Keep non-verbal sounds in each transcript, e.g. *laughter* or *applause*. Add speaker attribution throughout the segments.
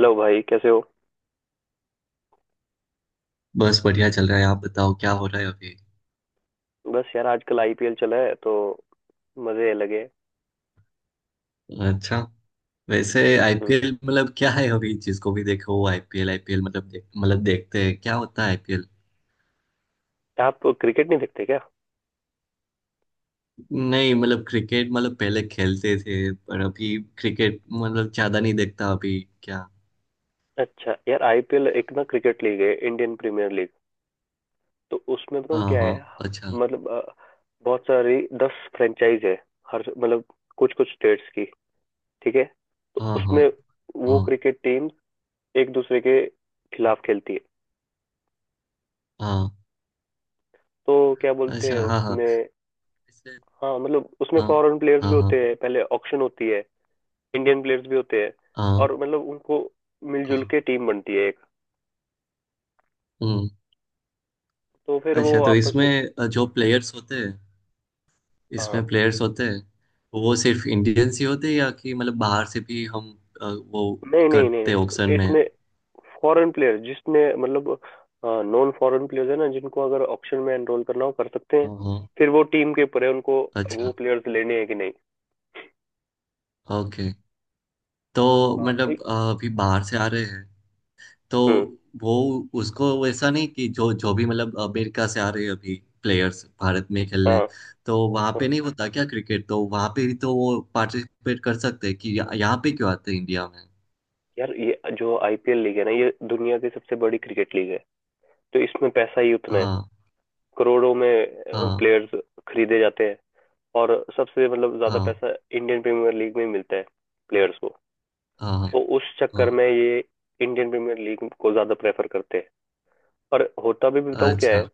Speaker 1: Hello भाई कैसे हो।
Speaker 2: बस बढ़िया चल रहा है। आप बताओ क्या हो रहा है अभी।
Speaker 1: बस यार आजकल आईपीएल चला है तो मजे लगे।
Speaker 2: अच्छा। वैसे
Speaker 1: हम्म।
Speaker 2: आईपीएल मतलब क्या है अभी? जिसको भी देखो आईपीएल आईपीएल, मतलब मतलब देखते हैं क्या होता है आईपीएल।
Speaker 1: आप क्रिकेट नहीं देखते क्या?
Speaker 2: नहीं मतलब क्रिकेट मतलब पहले खेलते थे, पर अभी क्रिकेट मतलब ज्यादा नहीं देखता अभी क्या।
Speaker 1: अच्छा यार, आईपीएल एक ना क्रिकेट लीग है, इंडियन प्रीमियर लीग। तो उसमें बताऊँ
Speaker 2: हाँ
Speaker 1: क्या
Speaker 2: हाँ।
Speaker 1: है।
Speaker 2: अच्छा।
Speaker 1: मतलब बहुत सारी 10 फ्रेंचाइज है। हर मतलब कुछ कुछ स्टेट्स की। ठीक है। तो
Speaker 2: हाँ हाँ।
Speaker 1: उसमें वो
Speaker 2: हाँ
Speaker 1: क्रिकेट टीम एक दूसरे के खिलाफ खेलती है।
Speaker 2: हाँ।
Speaker 1: तो क्या बोलते
Speaker 2: अच्छा।
Speaker 1: हैं
Speaker 2: हाँ हाँ।
Speaker 1: उसमें।
Speaker 2: वैसे-
Speaker 1: हाँ मतलब उसमें
Speaker 2: हाँ
Speaker 1: फॉरेन प्लेयर्स भी
Speaker 2: हाँ। हाँ
Speaker 1: होते हैं, पहले ऑक्शन होती है। इंडियन प्लेयर्स भी होते हैं।
Speaker 2: हाँ।
Speaker 1: और मतलब उनको मिलजुल
Speaker 2: हाँ,
Speaker 1: के टीम बनती है एक।
Speaker 2: हम्म।
Speaker 1: तो फिर वो
Speaker 2: अच्छा, तो
Speaker 1: आपस में।
Speaker 2: इसमें जो प्लेयर्स होते हैं
Speaker 1: हाँ
Speaker 2: इसमें प्लेयर्स होते हैं, तो वो सिर्फ इंडियंस ही होते हैं या कि मतलब बाहर से भी हम वो
Speaker 1: नहीं नहीं नहीं
Speaker 2: करते हैं ऑक्शन
Speaker 1: नहीं,
Speaker 2: में।
Speaker 1: इसमें फॉरेन प्लेयर जिसने मतलब नॉन फॉरेन प्लेयर्स है ना, जिनको अगर ऑप्शन में एनरोल करना हो कर सकते हैं।
Speaker 2: हाँ हाँ।
Speaker 1: फिर वो टीम के ऊपर है उनको वो
Speaker 2: अच्छा।
Speaker 1: प्लेयर्स लेने हैं कि नहीं।
Speaker 2: ओके। तो
Speaker 1: हाँ तो।
Speaker 2: मतलब अभी बाहर से आ रहे हैं तो
Speaker 1: हम्म।
Speaker 2: वो उसको वैसा नहीं कि जो जो भी मतलब अमेरिका से आ रहे हैं अभी प्लेयर्स भारत में
Speaker 1: हाँ
Speaker 2: खेलने। तो वहाँ पे नहीं
Speaker 1: हाँ।
Speaker 2: होता क्या क्रिकेट? तो वहाँ पे भी तो वो पार्टिसिपेट कर सकते हैं कि यहाँ यहाँ पे क्यों आते हैं इंडिया में?
Speaker 1: यार ये जो आईपीएल लीग है ना, ये दुनिया की सबसे बड़ी क्रिकेट लीग है। तो इसमें पैसा ही उतना है।
Speaker 2: हाँ
Speaker 1: करोड़ों में
Speaker 2: हाँ।
Speaker 1: प्लेयर्स खरीदे जाते हैं। और सबसे मतलब ज्यादा
Speaker 2: हाँ
Speaker 1: पैसा इंडियन प्रीमियर लीग में मिलता है प्लेयर्स को।
Speaker 2: हाँ। हाँ
Speaker 1: तो उस चक्कर
Speaker 2: हाँ।
Speaker 1: में ये इंडियन प्रीमियर लीग को ज्यादा प्रेफर करते हैं। और होता भी बताऊं क्या
Speaker 2: अच्छा।
Speaker 1: है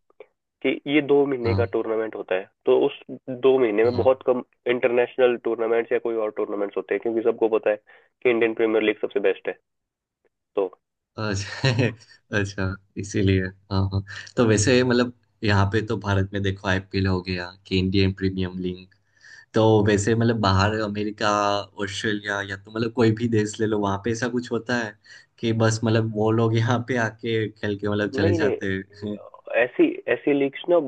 Speaker 1: कि ये 2 महीने का
Speaker 2: हाँ
Speaker 1: टूर्नामेंट होता है, तो उस 2 महीने में
Speaker 2: हाँ।
Speaker 1: बहुत कम इंटरनेशनल टूर्नामेंट्स या कोई और टूर्नामेंट्स होते हैं, क्योंकि सबको पता है कि इंडियन प्रीमियर लीग सबसे बेस्ट है। तो
Speaker 2: अच्छा *laughs* अच्छा इसीलिए। हाँ हाँ। तो वैसे मतलब यहाँ पे तो भारत में देखो आईपीएल हो गया कि इंडियन प्रीमियम लीग। तो वैसे मतलब बाहर अमेरिका, ऑस्ट्रेलिया या तो मतलब कोई भी देश ले लो वहाँ पे ऐसा कुछ होता है कि बस मतलब वो लोग यहाँ पे आके खेल के मतलब चले
Speaker 1: नहीं नहीं।
Speaker 2: जाते हैं *laughs*
Speaker 1: ऐसी ऐसी लीग्स ना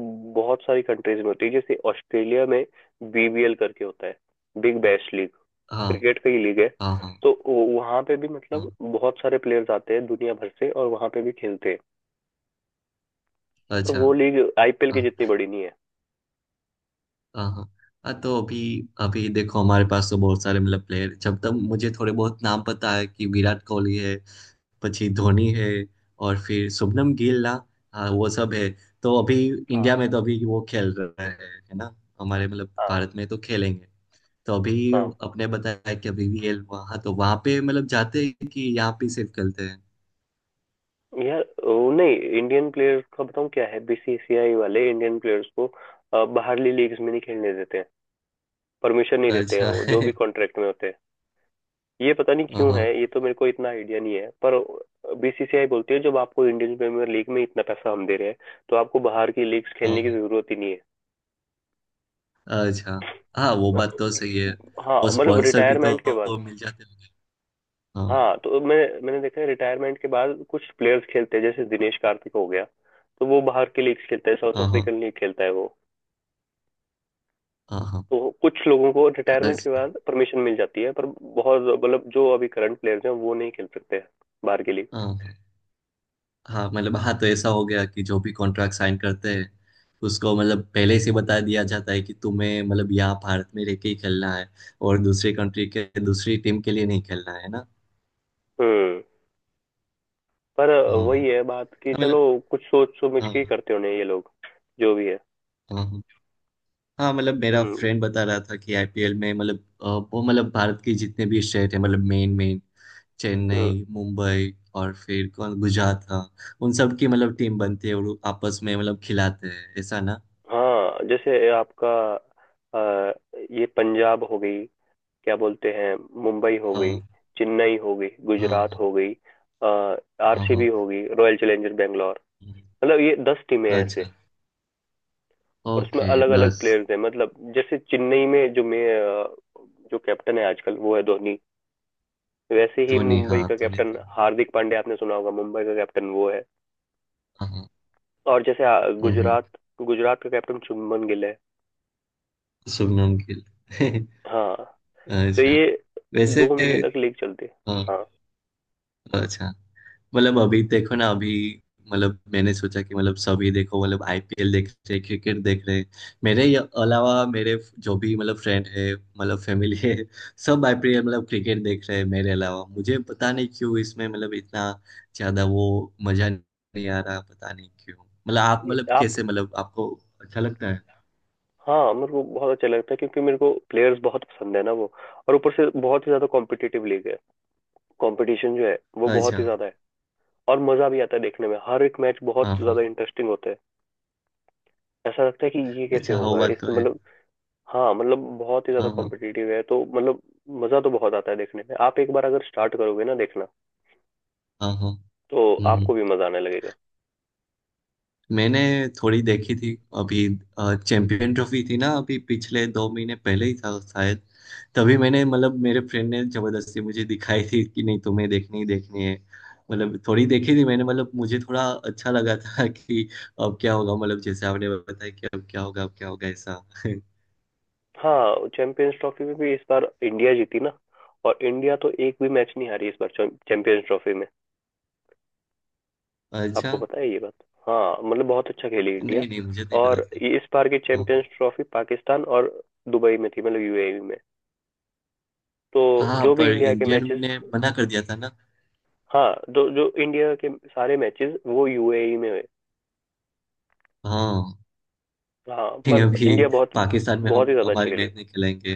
Speaker 1: बहुत सारी कंट्रीज में होती है, जैसे ऑस्ट्रेलिया में बीबीएल करके होता है, बिग बैश लीग।
Speaker 2: हाँ
Speaker 1: क्रिकेट का ही लीग है।
Speaker 2: हाँ। हाँ
Speaker 1: तो वहां पे भी
Speaker 2: हाँ।
Speaker 1: मतलब बहुत सारे प्लेयर्स आते हैं दुनिया भर से, और वहां पे भी खेलते हैं। पर
Speaker 2: अच्छा।
Speaker 1: वो लीग आईपीएल की
Speaker 2: हाँ।
Speaker 1: जितनी बड़ी नहीं है।
Speaker 2: हाँ हाँ। हाँ, तो अभी अभी देखो हमारे पास तो बहुत सारे मतलब प्लेयर जब तक मुझे थोड़े बहुत नाम पता है कि विराट कोहली है, પછી धोनी है, और फिर शुभमन गिल ना। हाँ वो सब है। तो अभी इंडिया
Speaker 1: हाँ
Speaker 2: में तो अभी वो खेल रहा है ना। हमारे मतलब
Speaker 1: हाँ
Speaker 2: भारत में तो खेलेंगे। तो अभी
Speaker 1: हाँ।
Speaker 2: अपने बताया कि अभी वीएल वहाँ तो वहाँ पे मतलब जाते हैं कि यहाँ पे सिर्फ खेलते हैं।
Speaker 1: यार वो नहीं, इंडियन प्लेयर्स का बताऊँ क्या है, बीसीसीआई वाले इंडियन प्लेयर्स को बाहरली लीग्स में नहीं खेलने देते हैं। परमिशन नहीं देते हैं,
Speaker 2: अच्छा
Speaker 1: वो जो भी
Speaker 2: *laughs*
Speaker 1: कॉन्ट्रैक्ट में होते हैं। ये पता नहीं क्यों है,
Speaker 2: हाँ
Speaker 1: ये तो मेरे को इतना आइडिया नहीं है, पर बीसीसीआई बोलती है जब आपको इंडियन प्रीमियर लीग में इतना पैसा हम दे रहे हैं तो आपको बाहर की लीग्स खेलने की
Speaker 2: हाँ।
Speaker 1: जरूरत ही नहीं है।
Speaker 2: अच्छा। हाँ वो बात तो सही है।
Speaker 1: *laughs* हाँ
Speaker 2: और
Speaker 1: मतलब
Speaker 2: स्पॉन्सर भी
Speaker 1: रिटायरमेंट के बाद।
Speaker 2: तो मिल जाते हैं। हाँ
Speaker 1: हाँ तो मैंने देखा है रिटायरमेंट के बाद कुछ प्लेयर्स खेलते हैं, जैसे दिनेश कार्तिक हो गया। तो वो बाहर के लीग खेलता है, साउथ
Speaker 2: हाँ। हाँ
Speaker 1: अफ्रीकन लीग खेलता है वो।
Speaker 2: हाँ। हाँ।
Speaker 1: तो कुछ लोगों को रिटायरमेंट
Speaker 2: बस,
Speaker 1: के बाद परमिशन मिल जाती है, पर बहुत मतलब जो अभी करंट प्लेयर्स हैं वो नहीं खेल सकते बाहर के लिए।
Speaker 2: हाँ हाँ मतलब। हाँ, तो ऐसा हो गया कि जो भी कॉन्ट्रैक्ट साइन करते हैं उसको मतलब पहले से बता दिया जाता है कि तुम्हें मतलब यहाँ भारत में रह के ही खेलना है और दूसरी कंट्री के, दूसरी टीम के लिए नहीं खेलना है ना।
Speaker 1: हम्म। पर
Speaker 2: हाँ। हाँ,
Speaker 1: वही है बात कि
Speaker 2: मतलब।
Speaker 1: चलो कुछ सोच समझ के ही
Speaker 2: हाँ
Speaker 1: करते होने ये लोग जो भी है।
Speaker 2: हाँ। हाँ, हाँ, मतलब मेरा
Speaker 1: हम्म
Speaker 2: फ्रेंड बता रहा था कि आईपीएल में मतलब अ, वो मतलब भारत के जितने भी स्टेट है मतलब मेन मेन
Speaker 1: हम्म।
Speaker 2: चेन्नई मुंबई और फिर कौन गुजरात हाँ। उन सब की मतलब टीम बनती है और वो आपस में मतलब खिलाते हैं ऐसा ना।
Speaker 1: हाँ जैसे आपका अ, ये पंजाब हो गई, क्या बोलते हैं, मुंबई हो गई,
Speaker 2: हाँ
Speaker 1: चेन्नई हो गई, गुजरात
Speaker 2: हाँ
Speaker 1: हो गई,
Speaker 2: हाँ हाँ
Speaker 1: आरसीबी
Speaker 2: हाँ।
Speaker 1: हो गई, रॉयल चैलेंजर बैंगलोर।
Speaker 2: हम्म।
Speaker 1: मतलब ये 10 टीमें हैं ऐसे।
Speaker 2: अच्छा।
Speaker 1: और उसमें
Speaker 2: ओके
Speaker 1: अलग अलग
Speaker 2: 10।
Speaker 1: प्लेयर्स हैं, मतलब जैसे चेन्नई में जो मैं अ, जो कैप्टन है आजकल वो है धोनी। वैसे ही
Speaker 2: धोनी, हाँ
Speaker 1: मुंबई का
Speaker 2: धोनी
Speaker 1: कैप्टन
Speaker 2: था।
Speaker 1: हार्दिक पांड्या, आपने सुना होगा, मुंबई का कैप्टन वो है।
Speaker 2: हाँ हाँ,
Speaker 1: और जैसे
Speaker 2: हम्म।
Speaker 1: गुजरात, गुजरात का कैप्टन शुभमन गिल है।
Speaker 2: शुभमन गिल *laughs*
Speaker 1: हाँ तो
Speaker 2: अच्छा।
Speaker 1: ये
Speaker 2: वैसे
Speaker 1: 2 महीने तक लीग चलती है।
Speaker 2: हाँ,
Speaker 1: हाँ
Speaker 2: अच्छा मतलब अभी देखो ना अभी मतलब मैंने सोचा कि मतलब सभी देखो मतलब आईपीएल देख रहे क्रिकेट देख रहे। अलावा मेरे जो भी मतलब फ्रेंड है मतलब फैमिली है सब आईपीएल मतलब क्रिकेट देख रहे हैं मेरे अलावा। मुझे पता नहीं क्यों इसमें मतलब इतना ज्यादा वो मजा नहीं आ रहा पता नहीं क्यों। मतलब आप
Speaker 1: ये
Speaker 2: मतलब
Speaker 1: आप।
Speaker 2: कैसे मतलब आपको अच्छा लगता है?
Speaker 1: हाँ मेरे को बहुत अच्छा लगता है क्योंकि मेरे को प्लेयर्स बहुत पसंद है ना वो। और ऊपर से बहुत ही ज्यादा कॉम्पिटिटिव लीग है। कंपटीशन जो है वो बहुत
Speaker 2: अच्छा।
Speaker 1: ही ज्यादा है। और मजा भी आता है देखने में, हर एक मैच बहुत
Speaker 2: हाँ हाँ।
Speaker 1: ज्यादा इंटरेस्टिंग होता है। ऐसा लगता है कि ये कैसे
Speaker 2: अच्छा, हो
Speaker 1: होगा,
Speaker 2: बात तो
Speaker 1: इसमें
Speaker 2: है।
Speaker 1: मतलब। हाँ मतलब बहुत ही ज्यादा
Speaker 2: हाँ हाँ।
Speaker 1: कॉम्पिटिटिव है तो मतलब मजा तो बहुत आता है देखने में। आप एक बार अगर स्टार्ट करोगे ना देखना,
Speaker 2: हाँ हाँ।
Speaker 1: तो
Speaker 2: हम्म हम्म।
Speaker 1: आपको भी मजा आने लगेगा।
Speaker 2: मैंने थोड़ी देखी थी अभी, चैंपियन ट्रॉफी थी ना, अभी पिछले 2 महीने पहले ही था शायद। तभी मैंने मतलब मेरे फ्रेंड ने जबरदस्ती मुझे दिखाई थी कि नहीं तुम्हें देखनी ही देखनी है। मतलब थोड़ी देखी थी मैंने, मतलब मुझे थोड़ा अच्छा लगा था *laughs* कि अब क्या होगा, मतलब जैसे आपने बताया कि अब क्या होगा ऐसा *laughs*
Speaker 1: हाँ चैंपियंस ट्रॉफी में भी इस बार इंडिया जीती ना। और इंडिया तो एक भी मैच नहीं हारी इस बार चैंपियंस ट्रॉफी में।
Speaker 2: अच्छा।
Speaker 1: आपको पता है ये बात? हाँ मतलब बहुत अच्छा खेली इंडिया।
Speaker 2: नहीं नहीं मुझे नहीं पता
Speaker 1: और
Speaker 2: था।
Speaker 1: ये इस बार की
Speaker 2: हाँ।
Speaker 1: चैंपियंस ट्रॉफी पाकिस्तान और दुबई में थी, मतलब यूएई में। तो
Speaker 2: हाँ
Speaker 1: जो भी
Speaker 2: पर
Speaker 1: इंडिया के
Speaker 2: इंडियन
Speaker 1: मैचेस।
Speaker 2: ने मना कर दिया था ना।
Speaker 1: हाँ, जो जो इंडिया के सारे मैचेस वो यूएई में हुए।
Speaker 2: हाँ
Speaker 1: हाँ
Speaker 2: *laughs*
Speaker 1: पर
Speaker 2: अभी
Speaker 1: इंडिया बहुत
Speaker 2: पाकिस्तान में
Speaker 1: बहुत ही
Speaker 2: हम
Speaker 1: ज्यादा अच्छा
Speaker 2: हमारी
Speaker 1: खेली।
Speaker 2: मैच नहीं खिलाएंगे।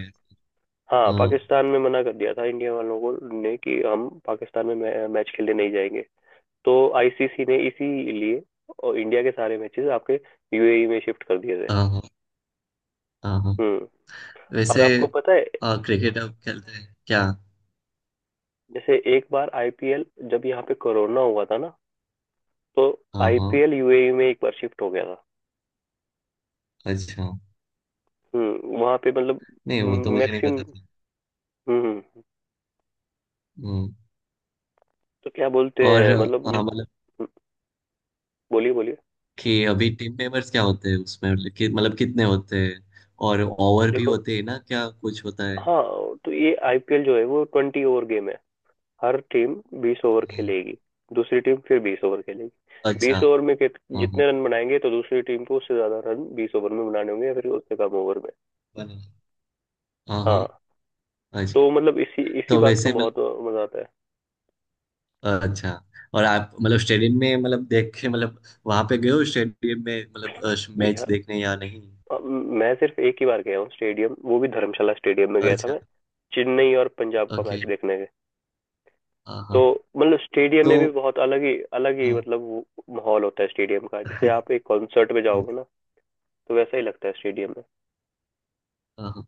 Speaker 1: हाँ
Speaker 2: हाँ
Speaker 1: पाकिस्तान में मना कर दिया था, इंडिया वालों को ने कि हम पाकिस्तान में मैच खेलने नहीं जाएंगे। तो आईसीसी ने इसीलिए और इंडिया के सारे मैचेस आपके यूएई में शिफ्ट कर दिए थे।
Speaker 2: हाँ हाँ। हाँ हाँ।
Speaker 1: हम्म। और
Speaker 2: वैसे
Speaker 1: आपको पता है,
Speaker 2: क्रिकेट आप खेलते हैं क्या?
Speaker 1: जैसे एक बार आईपीएल जब यहाँ पे कोरोना हुआ था ना, तो
Speaker 2: हाँ हाँ।
Speaker 1: आईपीएल यूएई में एक बार शिफ्ट हो गया था।
Speaker 2: अच्छा।
Speaker 1: वहां पे मतलब
Speaker 2: नहीं वो तो मुझे नहीं
Speaker 1: मैक्सिम।
Speaker 2: पता था।
Speaker 1: हम्म।
Speaker 2: हम्म।
Speaker 1: तो क्या बोलते
Speaker 2: और
Speaker 1: हैं मतलब हम्म।
Speaker 2: मतलब
Speaker 1: बोलिए बोलिए।
Speaker 2: कि अभी टीम मेंबर्स क्या होते हैं उसमें मतलब कि मतलब कितने होते हैं? और ओवर भी
Speaker 1: देखो।
Speaker 2: होते हैं ना क्या कुछ होता है?
Speaker 1: हाँ तो ये आईपीएल जो है वो 20 ओवर गेम है। हर टीम 20 ओवर
Speaker 2: हाँ,
Speaker 1: खेलेगी। दूसरी टीम फिर 20 ओवर खेलेगी।
Speaker 2: अच्छा।
Speaker 1: 20 ओवर में
Speaker 2: हाँ हाँ।
Speaker 1: जितने रन बनाएंगे, तो दूसरी टीम को उससे ज्यादा रन 20 ओवर में बनाने होंगे या फिर उससे कम ओवर में।
Speaker 2: बना- हाँ हाँ।
Speaker 1: हाँ
Speaker 2: अच्छा।
Speaker 1: तो मतलब इसी इसी
Speaker 2: तो
Speaker 1: बात का
Speaker 2: वैसे मतलब,
Speaker 1: बहुत मजा आता है।
Speaker 2: अच्छा और आप मतलब स्टेडियम में मतलब देख के मतलब वहां पे गए हो स्टेडियम में मतलब मैच
Speaker 1: यह
Speaker 2: देखने या नहीं?
Speaker 1: मैं सिर्फ एक ही बार गया हूँ स्टेडियम, वो भी धर्मशाला स्टेडियम में गया था
Speaker 2: अच्छा।
Speaker 1: मैं, चेन्नई और पंजाब का
Speaker 2: ओके।
Speaker 1: मैच देखने के।
Speaker 2: हाँ
Speaker 1: तो
Speaker 2: हाँ।
Speaker 1: मतलब स्टेडियम
Speaker 2: तो
Speaker 1: में भी बहुत अलग ही
Speaker 2: हम्म।
Speaker 1: मतलब वो माहौल होता है स्टेडियम का, जैसे
Speaker 2: हाँ,
Speaker 1: आप एक कॉन्सर्ट में जाओगे ना, तो वैसा ही लगता है स्टेडियम में।
Speaker 2: हाँ।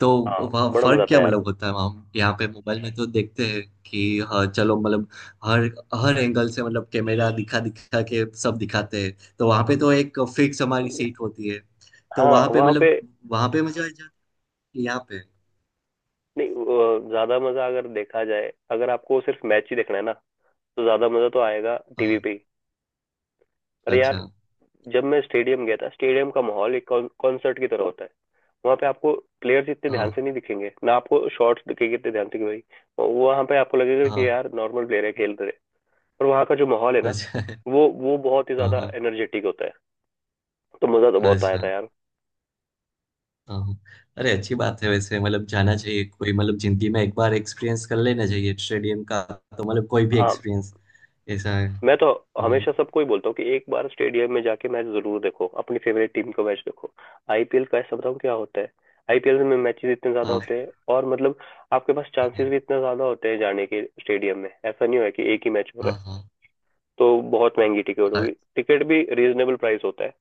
Speaker 2: तो
Speaker 1: हाँ
Speaker 2: वहाँ
Speaker 1: बड़ा मजा
Speaker 2: फर्क
Speaker 1: आता
Speaker 2: क्या
Speaker 1: है यार।
Speaker 2: मतलब होता है? वहाँ यहाँ पे मोबाइल में तो देखते हैं कि हाँ चलो मतलब हर हर एंगल से मतलब कैमरा दिखा दिखा के सब दिखाते हैं, तो वहाँ पे तो एक फिक्स हमारी सीट होती है तो
Speaker 1: हाँ
Speaker 2: वहाँ पे
Speaker 1: वहाँ पे
Speaker 2: मतलब वहाँ पे मजा आ जाता है कि यहाँ पे।
Speaker 1: नहीं, ज्यादा मजा अगर देखा जाए, अगर आपको सिर्फ मैच ही देखना है ना, तो ज्यादा मजा तो आएगा टीवी
Speaker 2: हाँ।
Speaker 1: पे ही। पर
Speaker 2: अच्छा।
Speaker 1: यार जब मैं स्टेडियम गया था, स्टेडियम का माहौल एक कॉन्सर्ट की तरह होता है। वहाँ पे आपको प्लेयर्स इतने ध्यान
Speaker 2: हाँ
Speaker 1: से नहीं दिखेंगे ना, आपको शॉट्स दिखेंगे इतने ध्यान से कि भाई वो वहाँ पे आपको लगेगा कि
Speaker 2: हाँ।
Speaker 1: यार नॉर्मल प्लेयर है खेल रहे। पर वहाँ का जो माहौल है ना,
Speaker 2: अच्छा।
Speaker 1: वो बहुत ही
Speaker 2: हाँ
Speaker 1: ज्यादा
Speaker 2: हाँ,
Speaker 1: एनर्जेटिक होता है। तो मजा तो बहुत आया था
Speaker 2: अच्छा।
Speaker 1: यार।
Speaker 2: हाँ हाँ। अरे अच्छी बात है वैसे मतलब जाना चाहिए, कोई मतलब जिंदगी में एक बार एक्सपीरियंस कर लेना चाहिए स्टेडियम का। तो मतलब कोई भी
Speaker 1: हाँ
Speaker 2: एक्सपीरियंस ऐसा है।
Speaker 1: मैं तो
Speaker 2: हम्म।
Speaker 1: हमेशा सबको ही बोलता हूँ कि एक बार स्टेडियम में जाके मैच जरूर देखो, अपनी फेवरेट टीम का मैच देखो। आईपीएल का ऐसा बताऊँ क्या होता है। आईपीएल में मैचेस इतने ज्यादा
Speaker 2: हाँ
Speaker 1: होते हैं, और मतलब आपके पास चांसेस
Speaker 2: हाँ।
Speaker 1: भी इतने ज्यादा होते हैं जाने के स्टेडियम में, ऐसा नहीं हो कि एक ही मैच हो
Speaker 2: हाँ
Speaker 1: रहा है
Speaker 2: हाँ। हाँ।
Speaker 1: तो बहुत महंगी टिकट
Speaker 2: अ-
Speaker 1: होगी। टिकट भी रीजनेबल प्राइस होता है,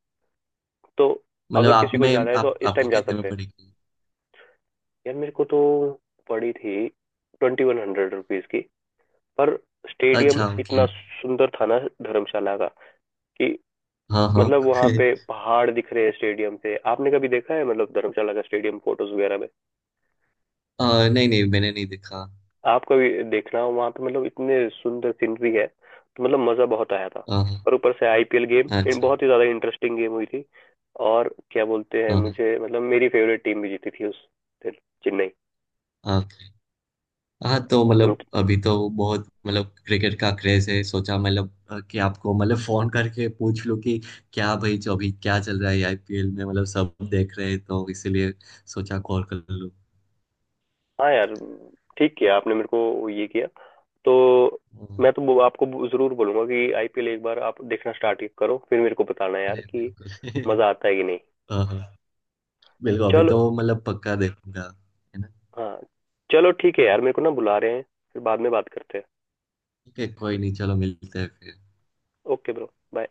Speaker 1: तो
Speaker 2: मतलब
Speaker 1: अगर
Speaker 2: आप
Speaker 1: किसी को
Speaker 2: में
Speaker 1: जाना है तो
Speaker 2: आप
Speaker 1: इस
Speaker 2: आपको
Speaker 1: टाइम जा
Speaker 2: कितने में
Speaker 1: सकते हैं।
Speaker 2: पड़ेगी?
Speaker 1: यार मेरे को तो पड़ी थी 2100 रुपीज की। पर स्टेडियम
Speaker 2: अच्छा
Speaker 1: इतना
Speaker 2: ओके।
Speaker 1: सुंदर था ना धर्मशाला का कि
Speaker 2: हाँ हाँ
Speaker 1: मतलब वहां पे
Speaker 2: *laughs*
Speaker 1: पहाड़ दिख रहे हैं स्टेडियम से। आपने कभी देखा है मतलब धर्मशाला का स्टेडियम फोटोज वगैरह में?
Speaker 2: नहीं नहीं मैंने नहीं देखा।
Speaker 1: आप कभी देखना, हो वहां पे मतलब इतने सुंदर सीनरी है, तो मतलब मजा बहुत आया था।
Speaker 2: हाँ हाँ,
Speaker 1: और ऊपर से आईपीएल गेम
Speaker 2: अच्छा।
Speaker 1: बहुत ही ज्यादा इंटरेस्टिंग गेम हुई थी। और क्या बोलते हैं,
Speaker 2: हाँ
Speaker 1: मुझे मतलब मेरी फेवरेट टीम भी जीती थी उस दिन, चेन्नई।
Speaker 2: हाँ। ओके। हाँ, तो मतलब अभी तो बहुत मतलब क्रिकेट का क्रेज है, सोचा मतलब कि आपको मतलब फोन करके पूछ लूं कि क्या भाई जो अभी क्या चल रहा है आईपीएल में मतलब सब देख रहे हैं तो इसीलिए सोचा कॉल कर लूं।
Speaker 1: हाँ यार ठीक किया आपने मेरे को ये किया। तो
Speaker 2: अ,
Speaker 1: मैं तो वो आपको जरूर बोलूंगा कि आईपीएल एक बार आप देखना स्टार्ट करो, फिर मेरे को बताना यार
Speaker 2: अरे
Speaker 1: कि
Speaker 2: बिल्कुल
Speaker 1: मजा आता है कि नहीं।
Speaker 2: *laughs* हाँ हाँ बिल्कुल। अभी
Speaker 1: चलो
Speaker 2: तो मतलब पक्का देखूंगा। है ना।
Speaker 1: हाँ चलो ठीक है यार, मेरे को ना बुला रहे हैं, फिर बाद में बात करते हैं।
Speaker 2: ठीक है कोई नहीं, चलो मिलते हैं फिर।
Speaker 1: Okay bro bye.